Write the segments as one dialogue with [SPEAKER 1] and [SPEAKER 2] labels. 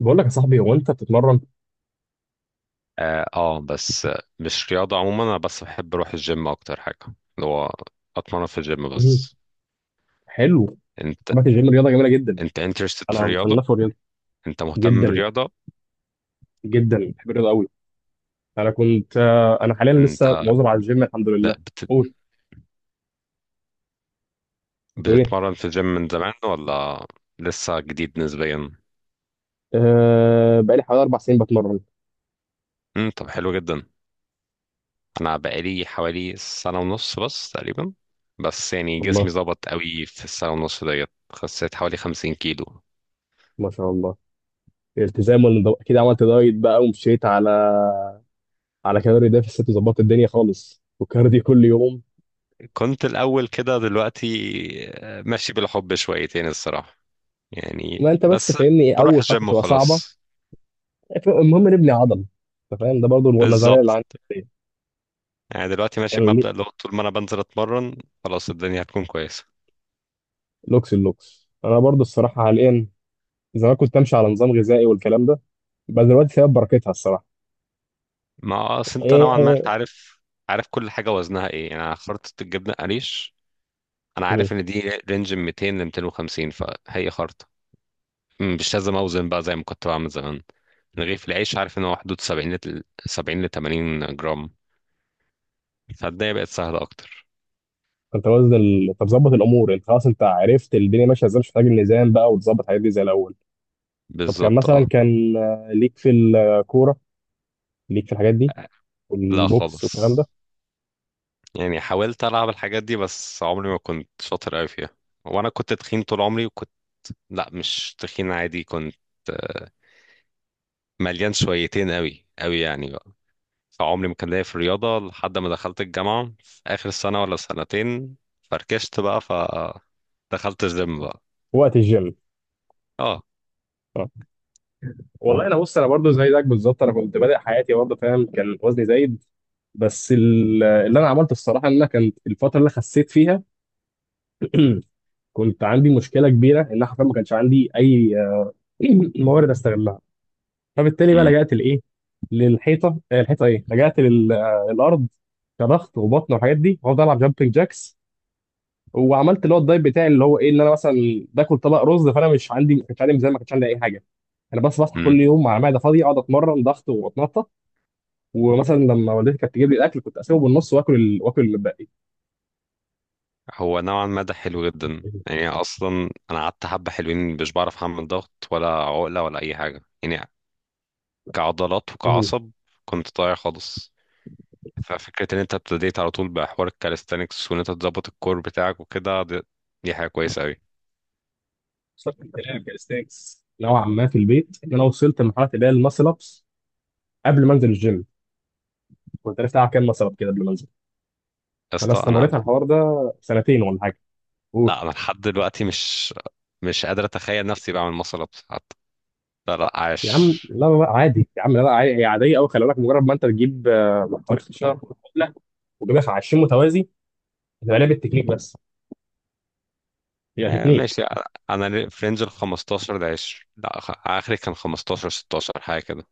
[SPEAKER 1] بقول لك يا صاحبي هو انت بتتمرن؟
[SPEAKER 2] اه، بس مش رياضة عموما، انا بس بحب اروح الجيم اكتر حاجة اللي هو اتمرن في الجيم
[SPEAKER 1] مم.
[SPEAKER 2] بس.
[SPEAKER 1] حلو.
[SPEAKER 2] انت
[SPEAKER 1] طبعا الجيم رياضه جميله جدا.
[SPEAKER 2] انت انترستد في
[SPEAKER 1] انا
[SPEAKER 2] الرياضة،
[SPEAKER 1] مصنفه رياضه
[SPEAKER 2] انت مهتم
[SPEAKER 1] جدا،
[SPEAKER 2] بالرياضة؟
[SPEAKER 1] جدا بحب الرياضه قوي. انا كنت آه، انا حاليا
[SPEAKER 2] انت
[SPEAKER 1] لسه مواظب على الجيم الحمد لله.
[SPEAKER 2] لا بت...
[SPEAKER 1] قول. بتقول ايه؟
[SPEAKER 2] بتتمرن في الجيم من زمان ولا لسه جديد نسبيا؟
[SPEAKER 1] أه بقالي حوالي اربع سنين بتمرن.
[SPEAKER 2] طب حلو جدا. انا بقالي حوالي سنة ونص بس تقريبا، بس يعني جسمي
[SPEAKER 1] الله،
[SPEAKER 2] ظبط قوي في السنة ونص ديت، خسيت حوالي 50 كيلو.
[SPEAKER 1] ما شاء الله. التزام والنظام، اكيد عملت دايت بقى ومشيت على على كالوري ديفيسيت وظبطت الدنيا خالص، وكارديو كل يوم.
[SPEAKER 2] كنت الأول كده دلوقتي ماشي بالحب شويتين الصراحة
[SPEAKER 1] ما
[SPEAKER 2] يعني
[SPEAKER 1] انت بس
[SPEAKER 2] بس.
[SPEAKER 1] فاهمني ايه،
[SPEAKER 2] بروح
[SPEAKER 1] اول خطوه
[SPEAKER 2] الجيم
[SPEAKER 1] تبقى صعبه.
[SPEAKER 2] وخلاص.
[SPEAKER 1] المهم نبني عضل. انت فاهم ده برضو، النظريه اللي عندي
[SPEAKER 2] بالظبط، يعني دلوقتي ماشي
[SPEAKER 1] يعني.
[SPEAKER 2] بمبدأ لو طول ما انا بنزل اتمرن خلاص الدنيا هتكون كويسة.
[SPEAKER 1] لوكس اللوكس انا برضو الصراحه حاليا. زمان كنت امشي على نظام غذائي والكلام ده، بس دلوقتي سبب بركتها الصراحه.
[SPEAKER 2] ما اصل انت نوعا ما انت
[SPEAKER 1] ايه.
[SPEAKER 2] عارف، عارف كل حاجة وزنها ايه. يعني أنا خرطة الجبنة قريش انا عارف
[SPEAKER 1] مم.
[SPEAKER 2] ان دي رينج من 200 ل 250 فهي خرطة. مش لازم اوزن بقى زي ما كنت بعمل زمان. رغيف العيش عارف ان هو حدود 70 ل 80 جرام، فالدنيا بقت سهلة اكتر.
[SPEAKER 1] انت وزن ال... طب ظبط الامور، انت خلاص انت عرفت الدنيا ماشيه ازاي، مش محتاج الميزان بقى وتظبط الحاجات دي زي الاول. طب كان
[SPEAKER 2] بالظبط اه.
[SPEAKER 1] مثلا كان آه، ليك في الكوره، ليك في الحاجات دي
[SPEAKER 2] لا
[SPEAKER 1] والبوكس
[SPEAKER 2] خالص،
[SPEAKER 1] والكلام ده؟
[SPEAKER 2] يعني حاولت ألعب الحاجات دي بس عمري ما كنت شاطر أوي فيها. وأنا كنت تخين طول عمري وكنت، لأ مش تخين عادي، كنت آه، مليان شويتين أوي أوي يعني بقى. فعمري ما كان ليا في الرياضة لحد ما دخلت الجامعة في آخر سنة ولا سنتين، فركشت بقى فدخلت الجيم بقى.
[SPEAKER 1] وقت الجيم.
[SPEAKER 2] اه.
[SPEAKER 1] آه. والله انا بص، انا برضو زي زيك بالظبط. انا كنت بادئ حياتي برضه فاهم، كان وزني زايد. بس اللي انا عملته الصراحه ان انا، كانت الفتره اللي أنا خسيت فيها كنت عندي مشكله كبيره ان انا حرفيا ما كانش عندي اي موارد استغلها. فبالتالي بقى
[SPEAKER 2] مم.
[SPEAKER 1] لجأت لايه؟ للحيطه، الحيطه ايه، لجأت للارض كضغط وبطن والحاجات دي، وافضل العب جامبنج جاكس. وعملت اللي هو الدايت بتاعي اللي هو ايه، ان انا مثلا باكل طبق رز، فانا مش عندي، ما كانش عندي ميزان، ما كانش عندي اي حاجه. انا بس بصحى
[SPEAKER 2] مم.
[SPEAKER 1] كل يوم مع معده فاضيه اقعد اتمرن ضغط واتنطط. ومثلا لما والدتي كانت تجيب لي الاكل كنت اسيبه بالنص واكل الباقي.
[SPEAKER 2] هو نوعا ما ده حلو جدا، يعني أصلا أنا قعدت حبة حلوين مش بعرف أعمل ضغط ولا عقلة ولا أي حاجة يعني، كعضلات وكعصب، كنت ضايع خالص. ففكرة ان انت ابتديت على طول بحوار الكاليستانكس وان انت تظبط الكور بتاعك وكده دي، دي حاجة كويسة قوي يا
[SPEAKER 1] صرت الكلام كاستاكس نوعا ما في البيت، ان انا وصلت لمرحله اللي هي الماسل ابس قبل ما انزل الجيم. كنت عرفت العب كام مثلا كده قبل ما انزل، فانا
[SPEAKER 2] اسطى.
[SPEAKER 1] استمريت
[SPEAKER 2] انا
[SPEAKER 1] على الحوار ده سنتين ولا حاجه. قول.
[SPEAKER 2] لا، انا لحد دلوقتي مش قادر اتخيل نفسي بعمل مصل ابس حتى. لا لا
[SPEAKER 1] يا عم
[SPEAKER 2] عاش.
[SPEAKER 1] لا لا لا، عادي يا عم، لا لا عادي، هي عاديه قوي. خلي بالك، مجرد ما انت تجيب حوالي 16 عقله وتجيبها 20 متوازي، هتبقى لعبه تكنيك بس، هي تكنيك.
[SPEAKER 2] ماشي. انا في رينج ال 15 ل 20. لا اخري كان 15 16 حاجة كده.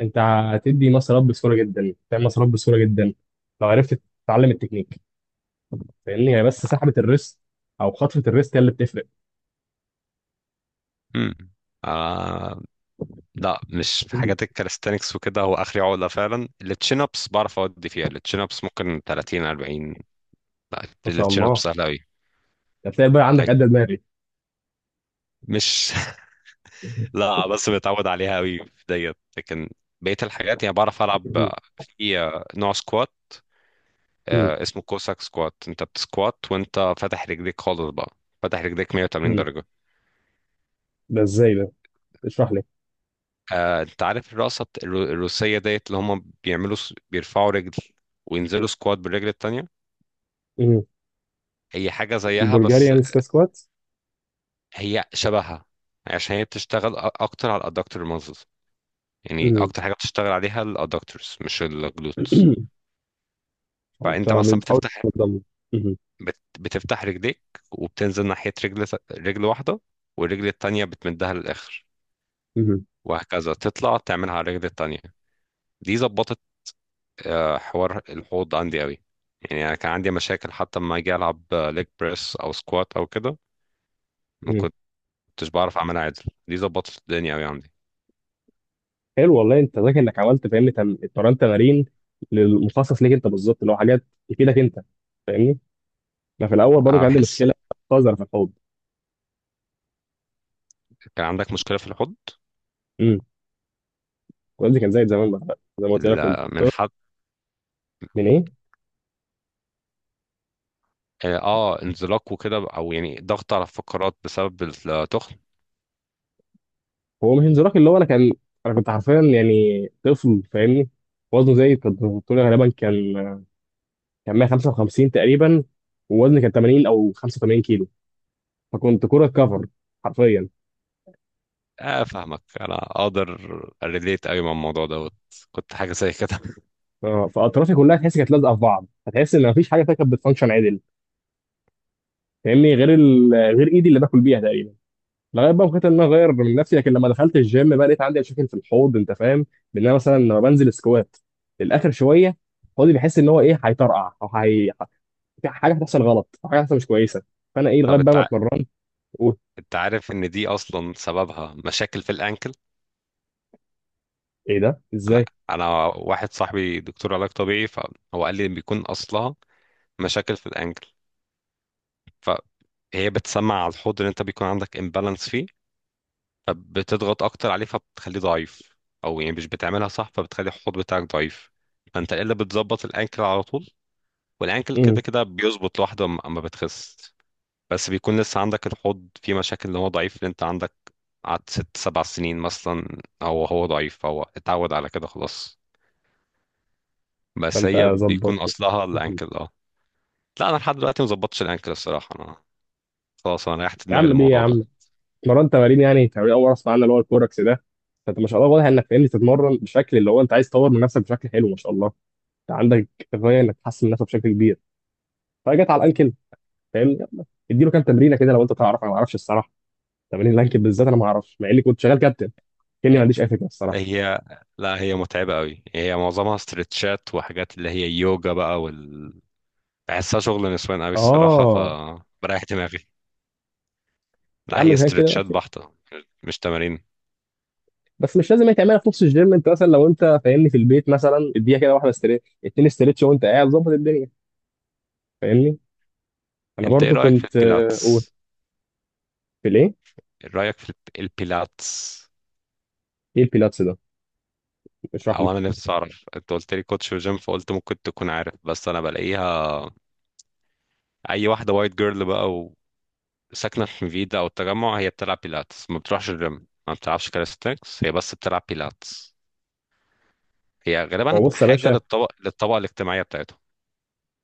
[SPEAKER 1] انت هتدي مسارات بسهوله جدا، تعمل مسارات بسهوله جدا لو عرفت تتعلم التكنيك. فاهمني، هي بس سحبه الريست او خطفه الريست هي اللي بتفرق.
[SPEAKER 2] امم آه. لا مش في
[SPEAKER 1] مم.
[SPEAKER 2] حاجات الكاليستانكس وكده، هو اخري عقله فعلا. التشين ابس بعرف اودي فيها، التشين ابس ممكن 30 40. لا
[SPEAKER 1] ما شاء
[SPEAKER 2] التشين ابس
[SPEAKER 1] الله.
[SPEAKER 2] سهله قوي.
[SPEAKER 1] هتلاقي بقى عندك قد دماغي.
[SPEAKER 2] مش، لا بس متعود عليها قوي في ديت، لكن بقية الحاجات يعني بعرف ألعب.
[SPEAKER 1] مم.
[SPEAKER 2] في نوع سكوات،
[SPEAKER 1] مم.
[SPEAKER 2] اسمه كوساك سكوات، انت بتسكوات وانت فاتح رجليك خالص بقى، فاتح رجليك 180
[SPEAKER 1] مم.
[SPEAKER 2] درجة.
[SPEAKER 1] ده ازاي ده؟ اشرح
[SPEAKER 2] انت عارف الرقصة الروسية ديت اللي هم بيرفعوا رجل وينزلوا سكوات بالرجل التانية؟
[SPEAKER 1] لي.
[SPEAKER 2] هي حاجة زيها بس،
[SPEAKER 1] البلغاريان سبيس كوات.
[SPEAKER 2] هي شبهها، عشان هي بتشتغل أكتر على الأدكتور مازلز. يعني
[SPEAKER 1] مم.
[SPEAKER 2] أكتر حاجة بتشتغل عليها الأدكتورز مش الجلوتس.
[SPEAKER 1] انت
[SPEAKER 2] فأنت مثلا
[SPEAKER 1] بتحاول
[SPEAKER 2] بتفتح،
[SPEAKER 1] تنضم. مم.
[SPEAKER 2] بتفتح رجليك، وبتنزل ناحية رجل، رجل واحدة، والرجل التانية بتمدها للآخر،
[SPEAKER 1] مم.
[SPEAKER 2] وهكذا تطلع تعملها على الرجل التانية. دي ظبطت حوار الحوض عندي قوي. يعني أنا كان عندي مشاكل حتى لما أجي ألعب ليج بريس أو سكوات أو كده ما
[SPEAKER 1] مم.
[SPEAKER 2] كنتش بعرف أعملها عدل. دي ظبطت الدنيا قوي عندي.
[SPEAKER 1] حلو والله. انت ذكي انك عملت فاهمني اتمرنت تمارين للمخصص ليك انت بالظبط، اللي هو حاجات تفيدك انت فاهمني. انا في الاول برضه
[SPEAKER 2] أنا
[SPEAKER 1] كان عندي
[SPEAKER 2] بحس
[SPEAKER 1] مشكله قذره في الحوض.
[SPEAKER 2] كان عندك مشكلة في الحوض.
[SPEAKER 1] امم. والدي كان زي زمان بقى، زي ما قلت لك كنت.
[SPEAKER 2] من حد؟
[SPEAKER 1] من ايه؟
[SPEAKER 2] اه انزلاق وكده، او يعني ضغط على الفقرات بسبب التخن.
[SPEAKER 1] هو مش انزلاق، اللي هو انا كان، انا كنت حرفيا يعني طفل فاهمني. وزنه زي كنت بتقول غالبا كان 155 تقريبا، ووزني كان 80 او 85 كيلو. فكنت كرة كفر حرفيا.
[SPEAKER 2] اه فاهمك، انا اقدر ريليت قوي مع الموضوع دوت، كنت حاجه زي كده
[SPEAKER 1] اه، فاطرافي كلها تحس كانت لازقه في بعض، فتحس ان مفيش حاجه فيها كانت بتفانكشن عدل فاهمني، غير ال... غير ايدي اللي باكل بيها تقريبا. لغايه بقى ما قررت ان انا اغير من نفسي. لكن لما دخلت الجيم بقى لقيت عندي مشاكل في الحوض انت فاهم، بان انا مثلا لما بنزل سكوات للاخر شويه، حوضي بيحس ان هو ايه، هيطرقع او هي في حاجه هتحصل غلط، او حاجه هتحصل مش كويسه. فانا ايه، لغايه
[SPEAKER 2] طب
[SPEAKER 1] بقى
[SPEAKER 2] انت
[SPEAKER 1] ما
[SPEAKER 2] ع-
[SPEAKER 1] اتمرنت. قلت.
[SPEAKER 2] انت عارف ان دي اصلا سببها مشاكل في الانكل.
[SPEAKER 1] ايه ده
[SPEAKER 2] انا
[SPEAKER 1] ازاي؟
[SPEAKER 2] انا واحد صاحبي دكتور علاج طبيعي، فهو قال لي ان بيكون اصلها مشاكل في الانكل. فهي بتسمع على الحوض اللي انت بيكون عندك امبالانس فيه، فبتضغط اكتر عليه فبتخليه ضعيف. او يعني مش بتعملها صح فبتخلي الحوض بتاعك ضعيف. فانت الا بتظبط الانكل على طول، والانكل كده
[SPEAKER 1] امم.
[SPEAKER 2] كده بيظبط لوحده اما بتخس. بس بيكون لسه عندك الحوض فيه مشاكل، اللي هو ضعيف اللي انت عندك قعدت ست سبع سنين مثلا او هو ضعيف فهو اتعود على كده خلاص. بس
[SPEAKER 1] فانت
[SPEAKER 2] هي
[SPEAKER 1] ظبط.
[SPEAKER 2] بيكون اصلها الانكل اه. لا انا لحد دلوقتي مظبطش الانكل الصراحه، انا خلاص انا ريحت
[SPEAKER 1] يا
[SPEAKER 2] دماغي
[SPEAKER 1] عم ليه يا
[SPEAKER 2] للموضوع ده.
[SPEAKER 1] عم، اتمرنت تمارين يعني، تمارين اول اصلا عندنا اللي هو الكوركس ده. فانت ما شاء الله واضح انك فاهمني تتمرن بشكل اللي هو انت عايز تطور من نفسك بشكل حلو، ما شاء الله. انت عندك غايه انك تحسن من نفسك بشكل كبير، فجت على الانكل. فاهمني، يلا اديله كام تمرينه كده لو انت تعرف، انا ما اعرفش الصراحه تمارين الانكل بالذات. انا ما اعرفش مع اني كنت شغال كابتن، كاني ما عنديش اي فكره الصراحه.
[SPEAKER 2] هي لا، هي متعبه قوي، هي معظمها استرتشات وحاجات اللي هي يوجا بقى وال، بحسها شغل نسوان قوي الصراحه
[SPEAKER 1] اه.
[SPEAKER 2] فبريح دماغي.
[SPEAKER 1] يا
[SPEAKER 2] لا
[SPEAKER 1] عم
[SPEAKER 2] هي
[SPEAKER 1] زي كده
[SPEAKER 2] استرتشات
[SPEAKER 1] ماشي.
[SPEAKER 2] بحته، مش تمارين.
[SPEAKER 1] بس مش لازم هي تعملها في نص الجيم، انت مثلا لو انت فاهمني في البيت مثلا اديها كده، واحده استريتش اتنين استريتش وانت قاعد، ظبط الدنيا فاهمني. انا
[SPEAKER 2] انت ايه
[SPEAKER 1] برضو
[SPEAKER 2] رايك في
[SPEAKER 1] كنت اقول.
[SPEAKER 2] البيلاتس؟
[SPEAKER 1] في الايه؟
[SPEAKER 2] رأيك في البيلاتس؟
[SPEAKER 1] ايه البيلاتس ده؟ اشرح
[SPEAKER 2] او
[SPEAKER 1] لي.
[SPEAKER 2] انا نفسي اعرف، انت قلت لي كوتش وجيم فقلت ممكن تكون عارف، بس انا بلاقيها اي واحدة وايت جيرل بقى وساكنة في حميدة او التجمع هي بتلعب بيلاتس، ما بتروحش الجيم، ما بتلعبش كاليستنكس، هي بس بتلعب بيلاتس. هي غالبا
[SPEAKER 1] هو بص يا
[SPEAKER 2] حاجة
[SPEAKER 1] باشا،
[SPEAKER 2] للطبقة الاجتماعية بتاعتهم.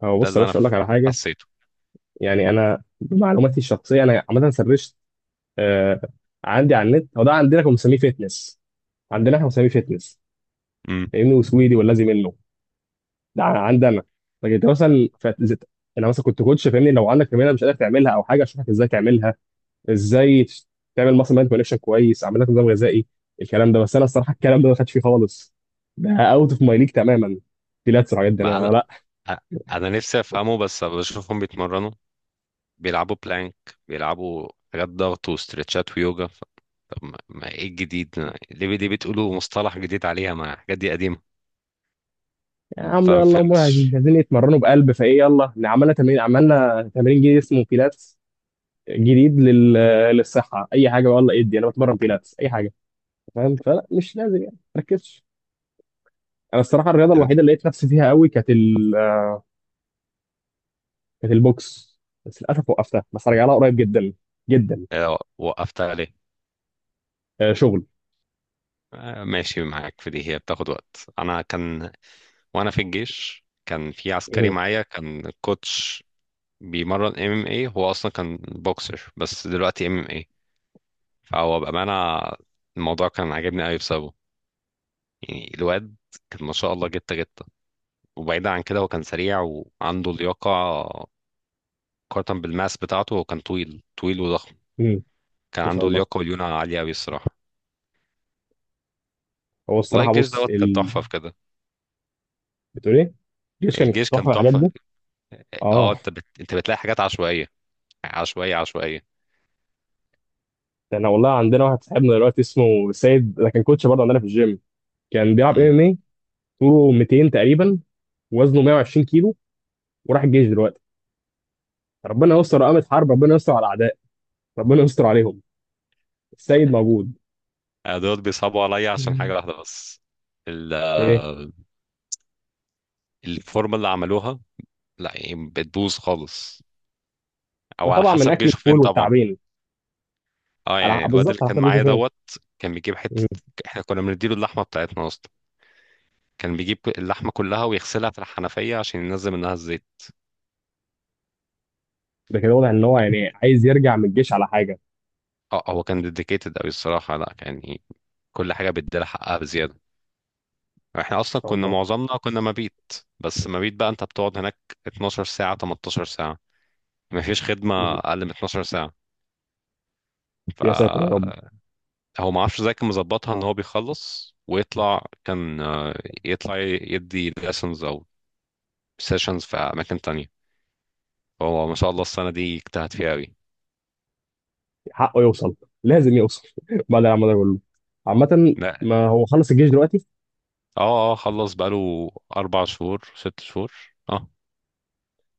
[SPEAKER 1] هو
[SPEAKER 2] ده
[SPEAKER 1] بص يا
[SPEAKER 2] اللي انا
[SPEAKER 1] باشا اقول لك على حاجه.
[SPEAKER 2] حسيته.
[SPEAKER 1] يعني انا بمعلوماتي الشخصيه انا عامه سرشت آه عندي على النت، هو ده عندنا كنا بنسميه فيتنس، عندنا احنا بنسميه فيتنس،
[SPEAKER 2] امم.
[SPEAKER 1] لانه سويدي والذي منه. ده عندي انا. لكن انت مثلا انا مثلا كنت كوتش فاهمني، لو عندك تمرينه مش قادر تعملها او حاجه اشوفك ازاي تعملها، ازاي تعمل مثلا مايند كونكشن كويس، اعمل لك نظام غذائي الكلام ده. بس انا الصراحه الكلام ده ما خدش فيه خالص. ده اوت اوف ماي ليج تماما، بيلاتس والحاجات دي
[SPEAKER 2] ما انا
[SPEAKER 1] انا لا.
[SPEAKER 2] أ- انا نفسي افهمه، بس بشوفهم بيتمرنوا، بيلعبوا بلانك، بيلعبوا حاجات ضغط وستريتشات ويوجا. طب ما ما ايه الجديد؟ ليه ليه بتقولوا مصطلح جديد عليها، ما الحاجات دي قديمة؟
[SPEAKER 1] يا
[SPEAKER 2] فما
[SPEAKER 1] عم يلا، هم عايزين
[SPEAKER 2] فهمتش.
[SPEAKER 1] عايزين يتمرنوا بقلب فايه، يلا إن عملنا تمرين عملنا تمرين جديد اسمه بيلاتس جديد لل... للصحه اي حاجه والله، ادي انا بتمرن بيلاتس اي حاجه فاهم، فلا مش لازم يعني، ما تركزش. انا الصراحه الرياضه الوحيده اللي لقيت نفسي فيها قوي كانت ال... كانت البوكس، بس للاسف وقفتها، بس هرجع لها قريب جدا جدا.
[SPEAKER 2] وقفت عليه؟
[SPEAKER 1] آه شغل.
[SPEAKER 2] ماشي معاك في دي، هي بتاخد وقت. انا كان، وانا في الجيش كان في عسكري
[SPEAKER 1] مهم.
[SPEAKER 2] معايا كان كوتش بيمرن ام ام اي، هو اصلا كان بوكسر بس دلوقتي ام ام اي. فهو بأمانة الموضوع كان عاجبني قوي بسببه. يعني الواد كان ما شاء الله جته جته. وبعيدا عن كده، هو كان سريع وعنده لياقة، مقارنة بالماس بتاعته، هو كان طويل طويل وضخم.
[SPEAKER 1] مهم.
[SPEAKER 2] كان
[SPEAKER 1] ان شاء
[SPEAKER 2] عنده
[SPEAKER 1] الله.
[SPEAKER 2] لياقة وليونة عالية أوي الصراحة.
[SPEAKER 1] هو
[SPEAKER 2] والله
[SPEAKER 1] الصراحه
[SPEAKER 2] الجيش
[SPEAKER 1] بص
[SPEAKER 2] دوت كان
[SPEAKER 1] ال...
[SPEAKER 2] تحفة في كده.
[SPEAKER 1] بتقول ايه؟ الجيش كان
[SPEAKER 2] الجيش كان
[SPEAKER 1] تحفه الحاجات
[SPEAKER 2] تحفة.
[SPEAKER 1] دي.
[SPEAKER 2] اه،
[SPEAKER 1] اه.
[SPEAKER 2] انت انت بتلاقي حاجات عشوائية عشوائية عشوائية.
[SPEAKER 1] ده انا والله عندنا واحد صاحبنا دلوقتي اسمه سيد، ده كان كوتش برضه عندنا في الجيم، كان بيلعب ام
[SPEAKER 2] امم.
[SPEAKER 1] ام إيه؟ طوله 200 تقريبا، وزنه 120 كيلو، وراح الجيش دلوقتي. ربنا يستر، قامت حرب ربنا يستر على الاعداء، ربنا يستر عليهم، السيد موجود.
[SPEAKER 2] أنا دوت بيصعبوا عليا عشان حاجة
[SPEAKER 1] مم.
[SPEAKER 2] واحدة بس، ال...
[SPEAKER 1] ايه.
[SPEAKER 2] الفورمة اللي عملوها، لا يعني بتبوظ خالص،
[SPEAKER 1] ده
[SPEAKER 2] أو على
[SPEAKER 1] طبعا من
[SPEAKER 2] حسب
[SPEAKER 1] اكل
[SPEAKER 2] جيشه فين
[SPEAKER 1] الفول
[SPEAKER 2] طبعا.
[SPEAKER 1] والتعبين.
[SPEAKER 2] اه
[SPEAKER 1] على
[SPEAKER 2] يعني الواد
[SPEAKER 1] بالظبط،
[SPEAKER 2] اللي
[SPEAKER 1] على
[SPEAKER 2] كان
[SPEAKER 1] حسب ميشو
[SPEAKER 2] معايا
[SPEAKER 1] فين.
[SPEAKER 2] دوت كان بيجيب
[SPEAKER 1] مم.
[SPEAKER 2] حتة، احنا كنا بنديله اللحمة بتاعتنا أصلا، كان بيجيب اللحمة كلها ويغسلها في الحنفية عشان ينزل منها الزيت.
[SPEAKER 1] ده كده واضح ان هو يعني عايز يرجع من الجيش على حاجه. ان
[SPEAKER 2] اه هو كان ديديكيتد أوي الصراحة، لا يعني كل حاجة بيديلها حقها بزيادة. احنا اصلا
[SPEAKER 1] شاء
[SPEAKER 2] كنا
[SPEAKER 1] الله.
[SPEAKER 2] معظمنا كنا مبيت. بس مبيت بقى انت بتقعد هناك 12 ساعة 18 ساعة، مفيش خدمة
[SPEAKER 1] مم.
[SPEAKER 2] اقل من 12 ساعة. ف،
[SPEAKER 1] يا ساتر يا رب،
[SPEAKER 2] هو ما اعرفش ازاي كان مظبطها ان هو بيخلص ويطلع، كان يطلع يدي lessons او سيشنز في اماكن تانية. هو ما شاء الله السنة دي اجتهد فيها قوي.
[SPEAKER 1] حقه يوصل، لازم يوصل. بعد اللي عمله ده كله. عامه
[SPEAKER 2] لا
[SPEAKER 1] ما هو خلص الجيش دلوقتي.
[SPEAKER 2] اه. اه خلص بقاله اربع شهور، ست شهور، اه.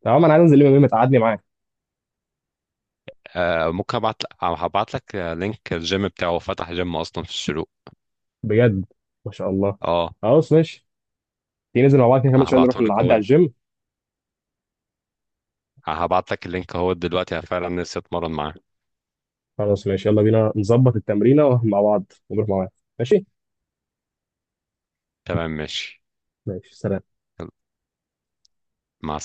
[SPEAKER 1] تمام انا عايز انزل لما ما تقعدني معاك.
[SPEAKER 2] ممكن ابعت، هبعت لك لينك الجيم بتاعه، فتح جيم اصلا في الشروق.
[SPEAKER 1] بجد؟ ما شاء الله.
[SPEAKER 2] اه.
[SPEAKER 1] خلاص ماشي. تيجي ننزل مع بعض كده كمان شويه، نروح
[SPEAKER 2] هبعته
[SPEAKER 1] نعدي
[SPEAKER 2] لك اهو،
[SPEAKER 1] على الجيم.
[SPEAKER 2] هبعت لك اللينك اهو دلوقتي، أنا فعلا نفسي اتمرن معاه.
[SPEAKER 1] خلاص ماشي، يلا بينا نظبط التمرينة مع بعض ونروح مع بعض. ماشي.
[SPEAKER 2] تمام ماشي.
[SPEAKER 1] ماشي سلام.
[SPEAKER 2] يلا، مع السلامة.